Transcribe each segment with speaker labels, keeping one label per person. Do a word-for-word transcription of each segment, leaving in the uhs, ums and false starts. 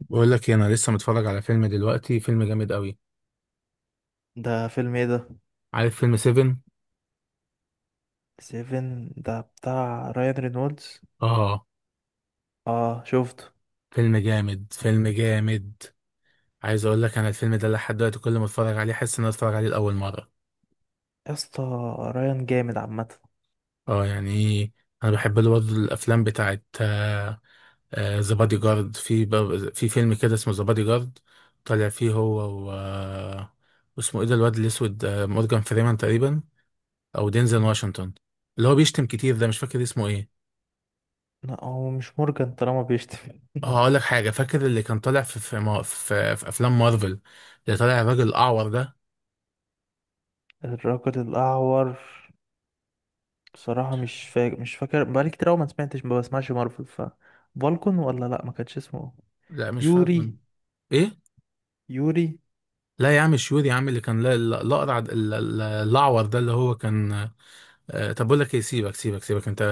Speaker 1: بقول لك إيه، انا لسه متفرج على فيلم دلوقتي، فيلم جامد قوي.
Speaker 2: ده فيلم ايه ده؟
Speaker 1: عارف فيلم سفن؟
Speaker 2: سيفن ده بتاع رايان رينولدز.
Speaker 1: اه.
Speaker 2: اه شفته.
Speaker 1: فيلم جامد، فيلم جامد. عايز اقول لك انا الفيلم ده لحد دلوقتي كل ما اتفرج عليه احس ان انا اتفرج عليه لاول مره.
Speaker 2: يا اسطى رايان جامد عامه.
Speaker 1: اه يعني. انا بحب له برضه الافلام بتاعت ذا بادي جارد، في ب- في فيلم كده اسمه ذا بادي جارد. طالع فيه هو. و آه، اسمه ايه ده، الواد الاسود، آه، مورجان فريمان تقريبا، او دينزل واشنطن، اللي هو بيشتم كتير ده. مش فاكر اسمه ايه.
Speaker 2: لا هو مش مورجان طالما بيشتم.
Speaker 1: هقول لك حاجة، فاكر اللي كان طالع في في, ما- في, في أفلام مارفل، اللي طالع الراجل الأعور ده؟
Speaker 2: الرجل الاعور. بصراحه مش فاكر مش فاكر بقالي كتير أوي ما سمعتش، ما بسمعش مارفل. ف فالكون ولا لا، ما كانش اسمه
Speaker 1: لا مش فاكر، كان-
Speaker 2: يوري؟
Speaker 1: إيه؟
Speaker 2: يوري.
Speaker 1: لا يا عم شيور يا عم، اللي كان لا- لا- الأقرع د- ال- ال- الأعور ده اللي هو كان. آه، طب بقول لك إيه، سيبك سيبك سيبك أنت.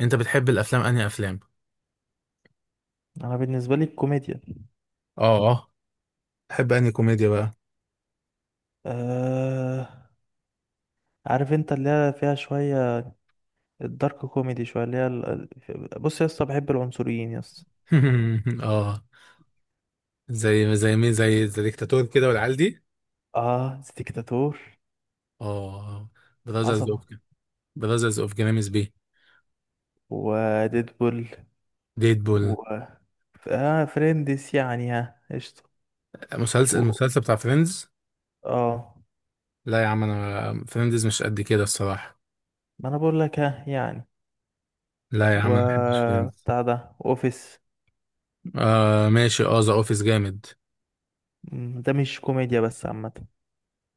Speaker 1: أنت بتحب الأفلام أنهي أفلام؟
Speaker 2: انا بالنسبه لي الكوميديا.
Speaker 1: آه آه. تحب أنهي كوميديا بقى؟
Speaker 2: آه... عارف انت اللي هي فيها شويه، الدارك كوميدي شويه، اللي هي ال... ال- بص يا اسطى، بحب العنصريين يا اسطى.
Speaker 1: آه. زي زي مين؟ زي زي ديكتاتور كده والعيال دي؟
Speaker 2: اه ديكتاتور.
Speaker 1: آه. براذرز أوف،
Speaker 2: عظمة.
Speaker 1: براذرز أوف جرامز بي.
Speaker 2: وديدبول،
Speaker 1: ديدبول.
Speaker 2: و ف- آه فريندس يعني، ها قشطة.
Speaker 1: مسلسل
Speaker 2: و...
Speaker 1: المسلسل بتاع فريندز.
Speaker 2: اه
Speaker 1: لا يا عم، انا فريندز مش قد كده الصراحه.
Speaker 2: ما انا بقول لك، ها يعني.
Speaker 1: لا يا
Speaker 2: و
Speaker 1: عم انا مبحبش فريندز.
Speaker 2: بتاع ده اوفيس.
Speaker 1: آه ماشي، اه ذا اوفيس جامد.
Speaker 2: مم، ده مش كوميديا بس عامة.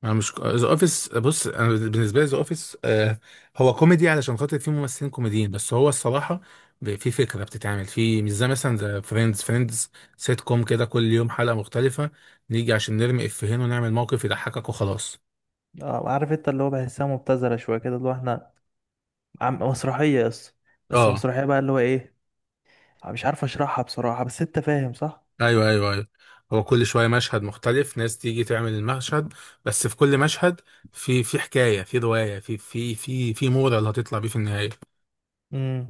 Speaker 1: انا مش ذا اوفيس، بص انا بالنسبه لي ذا اوفيس آه، هو كوميدي علشان خاطر فيه ممثلين كوميديين، بس هو الصراحه ب- في فكره بتتعمل في، مش زي مثلا ذا فريندز. فريندز سيت كوم كده، كل يوم حلقه مختلفه، نيجي عشان نرمي افيهين ونعمل موقف يضحكك وخلاص.
Speaker 2: اه عارف انت اللي هو بحسها مبتذلة شوية كده، اللي هو احنا عم... مسرحية بس، بس
Speaker 1: اه
Speaker 2: مسرحية بقى اللي هو ايه، مش عارف اشرحها بصراحة، بس انت فاهم صح؟
Speaker 1: ايوه ايوه ايوه. هو كل شويه مشهد مختلف، ناس تيجي تعمل المشهد. بس في كل مشهد، في في حكايه، في روايه، في في في في مورا اللي هتطلع بيه في النهايه.
Speaker 2: مم.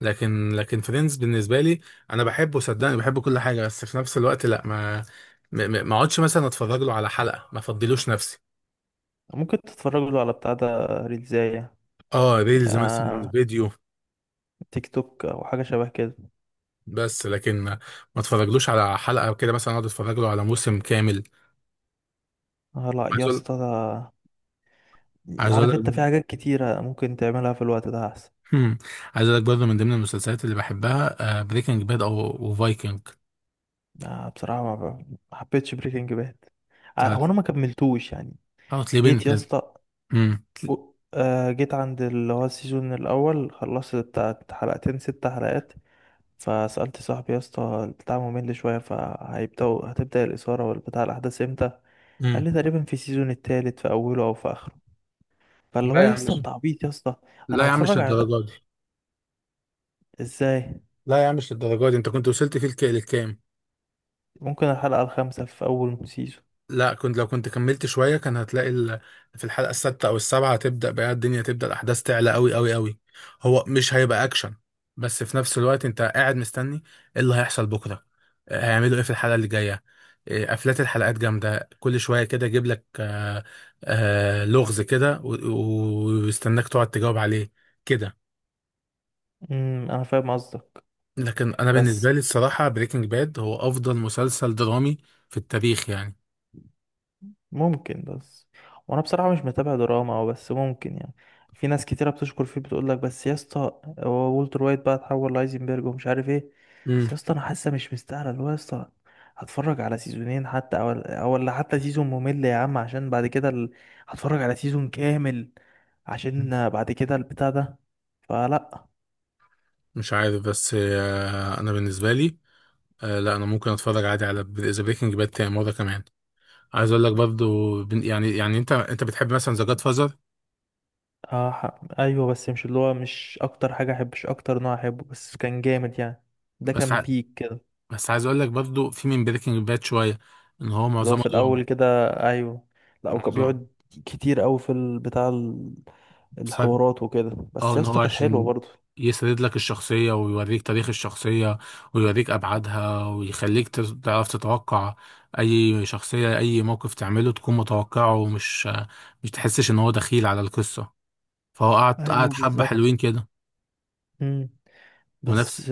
Speaker 1: لكن لكن فريندز بالنسبه لي، انا بحبه صدقني، بحب كل حاجه، بس في نفس الوقت لا، ما ما ما- ما اقعدش مثلا اتفرج له على حلقه، ما افضلوش نفسي.
Speaker 2: ممكن تتفرجوا له على بتاع ده، ريلزاية.
Speaker 1: اه ريلز مثلا،
Speaker 2: آه...
Speaker 1: فيديو.
Speaker 2: تيك توك او حاجة شبه كده.
Speaker 1: بس لكن ما، ما اتفرجلوش على حلقه وكده، مثلا اقعد اتفرج له على موسم كامل.
Speaker 2: آه لا
Speaker 1: عايز
Speaker 2: يا
Speaker 1: اقول
Speaker 2: اسطى، ده
Speaker 1: عايز اقول
Speaker 2: عارف انت في
Speaker 1: لك.
Speaker 2: حاجات كتيرة ممكن تعملها في الوقت ده احسن.
Speaker 1: هم. عايز اقول لك برضه من ضمن المسلسلات اللي بحبها بريكنج باد او فايكنج.
Speaker 2: آه بصراحة ما ما حبيتش بريكنج باد،
Speaker 1: بتاعت.
Speaker 2: هو انا ما كملتوش يعني.
Speaker 1: اه تليبن
Speaker 2: جيت يا
Speaker 1: كانت-
Speaker 2: اسطى،
Speaker 1: هم.
Speaker 2: و- آه جيت عند اللي هو السيزون الاول، خلصت بتاعت حلقتين ست حلقات، فسألت صاحبي يا اسطى، البتاع ممل شوية، فهيبدأوا هتبدأ الإثارة والبتاع الأحداث امتى؟ قال
Speaker 1: امم.
Speaker 2: لي تقريبا في السيزون التالت في أوله أو في آخره. فاللي هو
Speaker 1: لا يا
Speaker 2: يا
Speaker 1: عم
Speaker 2: اسطى،
Speaker 1: مش-
Speaker 2: انت عبيط يا اسطى.
Speaker 1: لا
Speaker 2: انا
Speaker 1: يا عم مش
Speaker 2: هتفرج على،
Speaker 1: للدرجه دي.
Speaker 2: ازاي؟
Speaker 1: لا يا عم مش للدرجه دي، انت كنت وصلت فيه الك- للكام؟
Speaker 2: ممكن الحلقة الخامسة في أول سيزون.
Speaker 1: لا، كنت لو كنت كملت شوية كان هتلاقي ال. في الحلقة السادسة أو السابعة هتبدأ بقى الدنيا، تبدأ الأحداث تعلى أوي أوي أوي. هو مش هيبقى أكشن، بس في نفس الوقت أنت قاعد مستني إيه اللي هيحصل بكرة، آه، هيعملوا إيه في الحلقة اللي جاية. آه، قفلات الحلقات جامدة، كل شوية كده يجيب لك آه، آه، لغز كده و- و- ويستناك تقعد تجاوب عليه كده.
Speaker 2: امم انا فاهم قصدك،
Speaker 1: لكن أنا بالنسبة
Speaker 2: بس
Speaker 1: لي الصراحة بريكنج باد هو أفضل مسلسل درامي في التاريخ يعني.
Speaker 2: ممكن بس، وانا بصراحه مش متابع دراما او بس ممكن يعني. في ناس كتيره بتشكر فيه، بتقول لك بس يا اسطى هو والتر وايت بقى اتحول لايزنبرج ومش عارف ايه.
Speaker 1: مم.
Speaker 2: بس يا اسطى انا حاسه مش مستاهله، اللي هو يا اسطى هتفرج على سيزونين حتى او او ولا حتى سيزون ممل يا عم، عشان بعد كده ال... هتفرج على سيزون كامل عشان بعد كده البتاع ده، فلا.
Speaker 1: مش عارف بس، آه، انا بالنسبه لي، آه، لا انا ممكن اتفرج عادي على ذا بريكنج باد تاني مره كمان. عايز اقول لك برضو بن- يعني، يعني انت انت بتحب مثلا ذا جاد فازر؟
Speaker 2: اه ح- ايوه، بس مش اللي هو مش اكتر حاجه احب، مش اكتر نوع احبه، بس كان جامد يعني. ده
Speaker 1: بس
Speaker 2: كان
Speaker 1: ع...
Speaker 2: بيك كده.
Speaker 1: بس عايز اقول لك برضو في من بريكنج باد شويه ان هو
Speaker 2: اللي هو
Speaker 1: معظمه
Speaker 2: في الاول
Speaker 1: دراما.
Speaker 2: كده، ايوه. لا وكان
Speaker 1: معظمه
Speaker 2: بيقعد كتير قوي في ال- بتاع ال-
Speaker 1: بسبب-
Speaker 2: الحوارات وكده، بس
Speaker 1: اه
Speaker 2: يا
Speaker 1: ان
Speaker 2: اسطى
Speaker 1: هو
Speaker 2: كانت حلوه
Speaker 1: عشان
Speaker 2: برضه.
Speaker 1: يسرد لك الشخصيه، ويوريك تاريخ الشخصيه، ويوريك ابعادها، ويخليك تز- تعرف تتوقع اي شخصيه، اي موقف تعمله تكون متوقعه، ومش، مش تحسش ان هو دخيل على القصه. فهو قعد
Speaker 2: ايوه
Speaker 1: قعد حبة
Speaker 2: بالظبط.
Speaker 1: حلوين كده.
Speaker 2: امم.
Speaker 1: ونفس.
Speaker 2: بس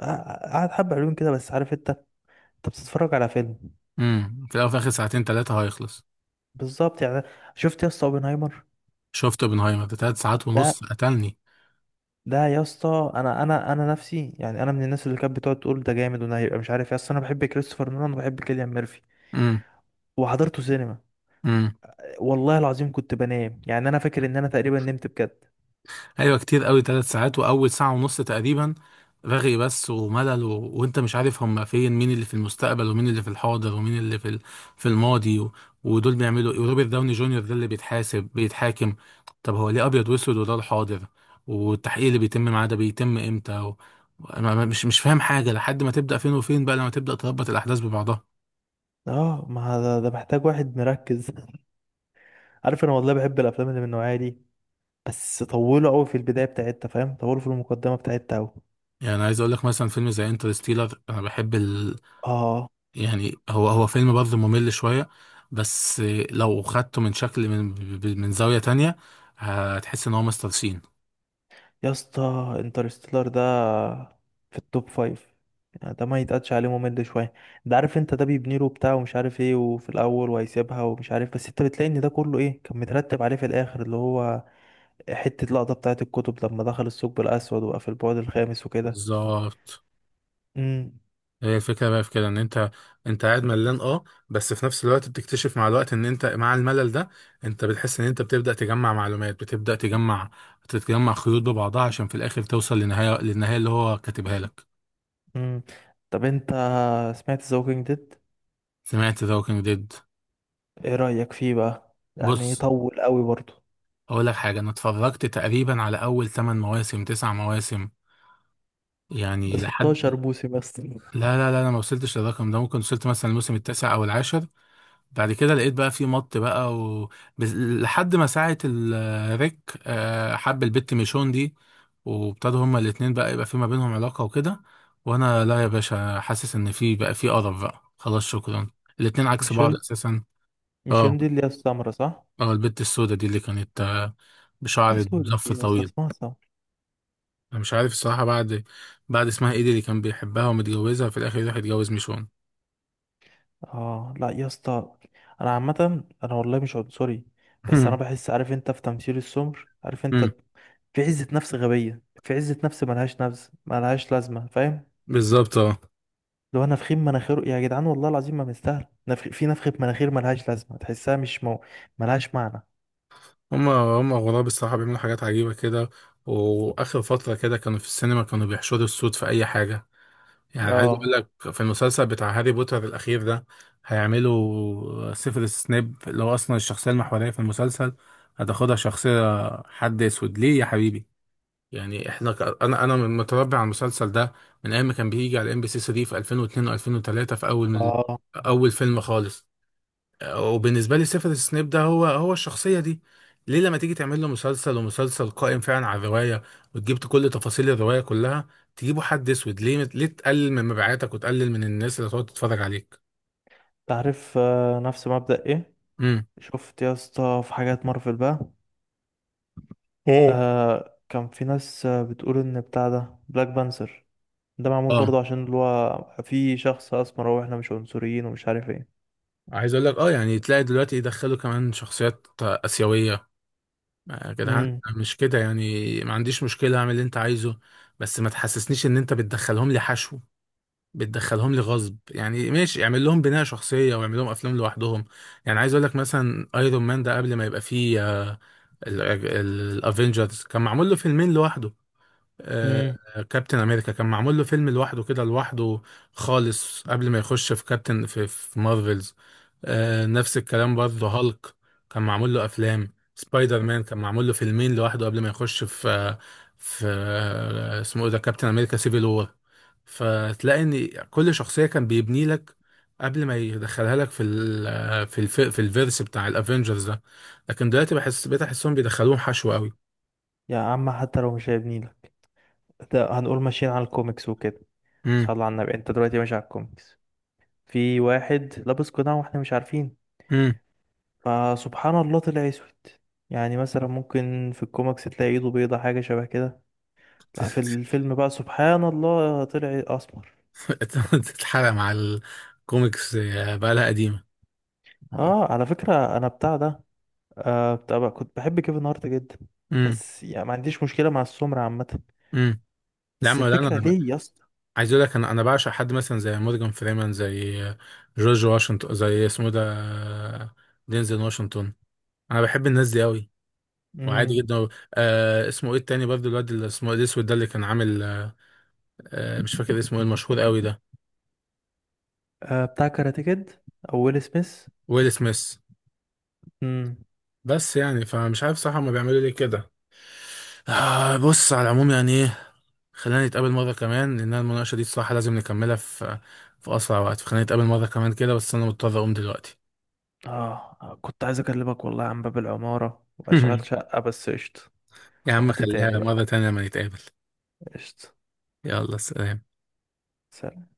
Speaker 2: آه، قعد حبه حلوين كده، بس عارف انت، انت بتتفرج على فيلم.
Speaker 1: امم في الأول وفي الآخر ساعتين تلاتة هيخلص.
Speaker 2: بالظبط يعني. شفت يا اسطى اوبنهايمر
Speaker 1: شفت اوبنهايمر ده، تلات ساعات
Speaker 2: ده؟
Speaker 1: ونص، قتلني.
Speaker 2: ده يا اسطى انا انا انا نفسي يعني، انا من الناس اللي كانت بتقعد تقول ده جامد وده هيبقى مش عارف، يا اسطى انا بحب كريستوفر نولان وبحب كيليان ميرفي، وحضرته سينما،
Speaker 1: امم.
Speaker 2: والله العظيم كنت بنام يعني. انا فاكر ان انا تقريبا نمت بجد.
Speaker 1: ايوه كتير قوي، ثلاث ساعات واول ساعه ونص تقريبا رغي بس وملل و. وانت مش عارف هم فين، مين اللي في المستقبل ومين اللي في الحاضر ومين اللي في ال، في الماضي و، ودول بيعملوا ايه، وروبرت داوني جونيور ده اللي بيتحاسب بيتحاكم، طب هو ليه ابيض واسود وده الحاضر، والتحقيق اللي بيتم معاه ده بيتم امتى و. أنا ما- مش مش فاهم حاجه لحد ما تبدا فين وفين بقى، لما تبدا تربط الاحداث ببعضها.
Speaker 2: اه ما ده, ده محتاج واحد مركز. عارف انا والله بحب الافلام اللي من النوعيه دي، بس طولوا قوي في البدايه بتاعتها، فاهم، طولوا في المقدمه بتاعتها قوي.
Speaker 1: يعني عايز اقول لك مثلا فيلم زي انترستيلر انا بحب،
Speaker 2: اه
Speaker 1: يعني هو هو فيلم برضه ممل شوية، بس لو خدته من شكل، من، من زاوية تانية، هتحس ان هو مستر سين.
Speaker 2: يا اسطى، انترستيلر ده في التوب فايف يعني، ده ما يتقدش عليه ممل شويه. ده عارف انت، ده بيبني له بتاع ومش عارف ايه، وفي الاول وهيسيبها ومش عارف، بس انت بتلاقي ان ده كله ايه كان مترتب عليه في الاخر، اللي هو حته لقطه بتاعه الكتب لما دخل الثقب الاسود، وقف في البعد الخامس وكده.
Speaker 1: بالظبط.
Speaker 2: امم.
Speaker 1: هي الفكرة بقى في كده ان انت، انت قاعد ملان اه، بس في نفس الوقت بتكتشف مع الوقت ان انت مع الملل ده انت بتحس ان انت بتبدأ تجمع معلومات، بتبدأ تجمع، تتجمع خيوط ببعضها عشان في الاخر توصل لنهاية، للنهاية اللي هو كاتبها لك.
Speaker 2: امم طب انت، سمعت ذا ووكينج ديد؟
Speaker 1: سمعت ذا ووكينج ديد.
Speaker 2: ايه رايك فيه بقى، يعني
Speaker 1: بص
Speaker 2: طول قوي برضه.
Speaker 1: اقول لك حاجة، انا اتفرجت تقريبا على اول 8 مواسم، 9 مواسم
Speaker 2: ده
Speaker 1: يعني لحد.
Speaker 2: ستاشر موسم بس.
Speaker 1: لا لا لا، انا ما وصلتش للرقم ده، ممكن وصلت مثلا الموسم التاسع او العاشر. بعد كده لقيت بقى في مط بقى و، بس- لحد ما ساعة الريك آه، حب البت ميشون دي، وابتدوا هما الاتنين بقى يبقى في ما بينهم علاقة وكده، وانا لا يا باشا حاسس ان في بقى، في قرف بقى خلاص شكرا. الاتنين عكس
Speaker 2: مش
Speaker 1: بعض
Speaker 2: هند،
Speaker 1: اساسا.
Speaker 2: مش
Speaker 1: اه.
Speaker 2: هند اللي هي السمرة صح؟
Speaker 1: اه البت السوداء دي اللي كانت آه،
Speaker 2: ايه
Speaker 1: بشعر
Speaker 2: سودا دي
Speaker 1: مزفر
Speaker 2: يا اسطى،
Speaker 1: طويل.
Speaker 2: اسمها سمرة.
Speaker 1: انا مش عارف الصراحة بعد بعد اسمها ايه دي اللي كان بيحبها ومتجوزها، في الاخر راح يتجوز ميشون.
Speaker 2: اه لا يا اسطى، انا عامه انا والله مش عنصري، بس انا بحس عارف انت، في تمثيل السمر عارف انت، في عزة نفس غبية، في عزة نفس ملهاش نفس، ملهاش لازمة، فاهم.
Speaker 1: بالظبط اه.
Speaker 2: لو انا نفخين مناخيره يا جدعان، والله العظيم ما مستاهل نفخ، في نفخة مناخير ملهاش لازمة، تحسها مش مو... ملهاش معنى.
Speaker 1: هما هما غراب الصراحة بيعملوا حاجات عجيبة كده. وآخر فترة كده كانوا في السينما كانوا بيحشروا الصوت في أي حاجة. يعني عايز أقول
Speaker 2: اه
Speaker 1: لك في المسلسل بتاع هاري بوتر الأخير ده هيعملوا سيفيروس سنيب اللي هو أصلا الشخصية المحورية في المسلسل، هتاخدها شخصية حد أسود ليه يا حبيبي؟ يعني احنا ك. انا انا من- متربي على المسلسل ده من ايام ما كان بيجي على ام بي سي تلاتة في ألفين و اثنين و2003 في اول،
Speaker 2: اه.
Speaker 1: اول فيلم خالص. وبالنسبه لي سيفيروس سنيب ده هو هو الشخصيه دي، ليه لما تيجي تعمل له مسلسل، ومسلسل قائم فعلا على الروايه، وتجيب كل تفاصيل الروايه كلها، تجيبوا حد اسود ليه؟ ليه تقلل من مبيعاتك وتقلل من الناس اللي هتقعد تتفرج عليك؟
Speaker 2: تعرف آه، نفس مبدأ ايه،
Speaker 1: امم.
Speaker 2: شفت يا اسطى في حاجات مارفل بقى،
Speaker 1: مم.
Speaker 2: آه كان في ناس آه، بتقول ان بتاع ده بلاك بانثر، ده معمول
Speaker 1: اه
Speaker 2: برضه عشان اللي هو في شخص اسمر، هو احنا مش عنصريين ومش عارف ايه.
Speaker 1: عايز اقول لك اه يعني تلاقي دلوقتي يدخلوا كمان شخصيات اسيويه، آه، يا جدعان.
Speaker 2: امم.
Speaker 1: مش كده يعني، ما عنديش مشكله اعمل اللي انت عايزه، بس ما تحسسنيش ان انت بتدخلهم لي حشو، بتدخلهم لي غصب. يعني ماشي اعمل لهم بناء شخصية واعمل لهم افلام لوحدهم. يعني عايز اقول لك مثلا ايرون مان ده قبل ما يبقى فيه الافنجرز كان معمول له فيلمين لوحده. آه،
Speaker 2: امم.
Speaker 1: كابتن امريكا كان معمول له فيلم لوحده كده، لوحده خالص قبل ما يخش في كابتن في, في مارفلز. آه، نفس الكلام برضه هالك كان معمول له افلام، سبايدر مان كان معمول له فيلمين لوحده قبل ما يخش في آه، في آه، اسمه ايه ده كابتن امريكا سيفيل وور. فتلاقي ان كل شخصيه كان بيبني لك قبل ما يدخلها لك في ال آه، في الف في الفيرس بتاع الافنجرز ده. لكن دلوقتي بحس بقيت احسهم بيدخلوهم حشو قوي.
Speaker 2: يا عم حتى لو مش هيبنيلك، ده هنقول ماشيين على الكوميكس وكده.
Speaker 1: امم.
Speaker 2: صلى على النبي، انت دلوقتي ماشي على الكوميكس، في واحد لابس قناع واحنا مش عارفين،
Speaker 1: امم.
Speaker 2: فسبحان الله طلع اسود. يعني مثلا ممكن في الكوميكس تلاقي ايده بيضة حاجة شبه كده، لا في الفيلم بقى سبحان الله طلع اسمر.
Speaker 1: تتحرق مع الكوميكس، آه، بقى لها قديمه. اه.
Speaker 2: اه على فكرة، انا بتاع ده آه بتاع بقى، كنت بحب كيفن هارت جدا،
Speaker 1: امم.
Speaker 2: بس يعني ما عنديش مشكلة مع السمر عامة،
Speaker 1: امم. لا
Speaker 2: بس
Speaker 1: ما لا، انا
Speaker 2: الفكرة
Speaker 1: أنا ب-
Speaker 2: ليه يا اسطى.
Speaker 1: عايز اقول لك انا انا بعشق حد مثلا زي مورجان فريمان، زي جورج واشنطن، زي اسمه ده، دينزل واشنطن. انا بحب الناس دي قوي وعادي
Speaker 2: امم.
Speaker 1: جدا. آه اسمه ايه التاني برضه الواد اللي اسمه، إيه، الاسود ده اللي كان عامل آه، آه، مش فاكر اسمه ايه المشهور قوي ده.
Speaker 2: آه بتاع كاراتيه كيد، او ويل سميث.
Speaker 1: ويل سميث.
Speaker 2: امم.
Speaker 1: بس يعني فمش عارف صراحه هما بيعملوا ليه كده. آه بص، على العموم يعني خلينا نتقابل مرة كمان لأن المناقشة دي الصراحة لازم نكملها في، في أسرع وقت، فخلينا نتقابل مرة كمان كده، بس أنا مضطر أقوم دلوقتي.
Speaker 2: اه كنت عايز اكلمك والله عن باب العمارة واشغال شقة، بس قشطة.
Speaker 1: يا عم
Speaker 2: وقت
Speaker 1: خليها
Speaker 2: تاني بقى.
Speaker 1: مرة تانية لما نتقابل.
Speaker 2: قشطة.
Speaker 1: يلا سلام.
Speaker 2: سلام.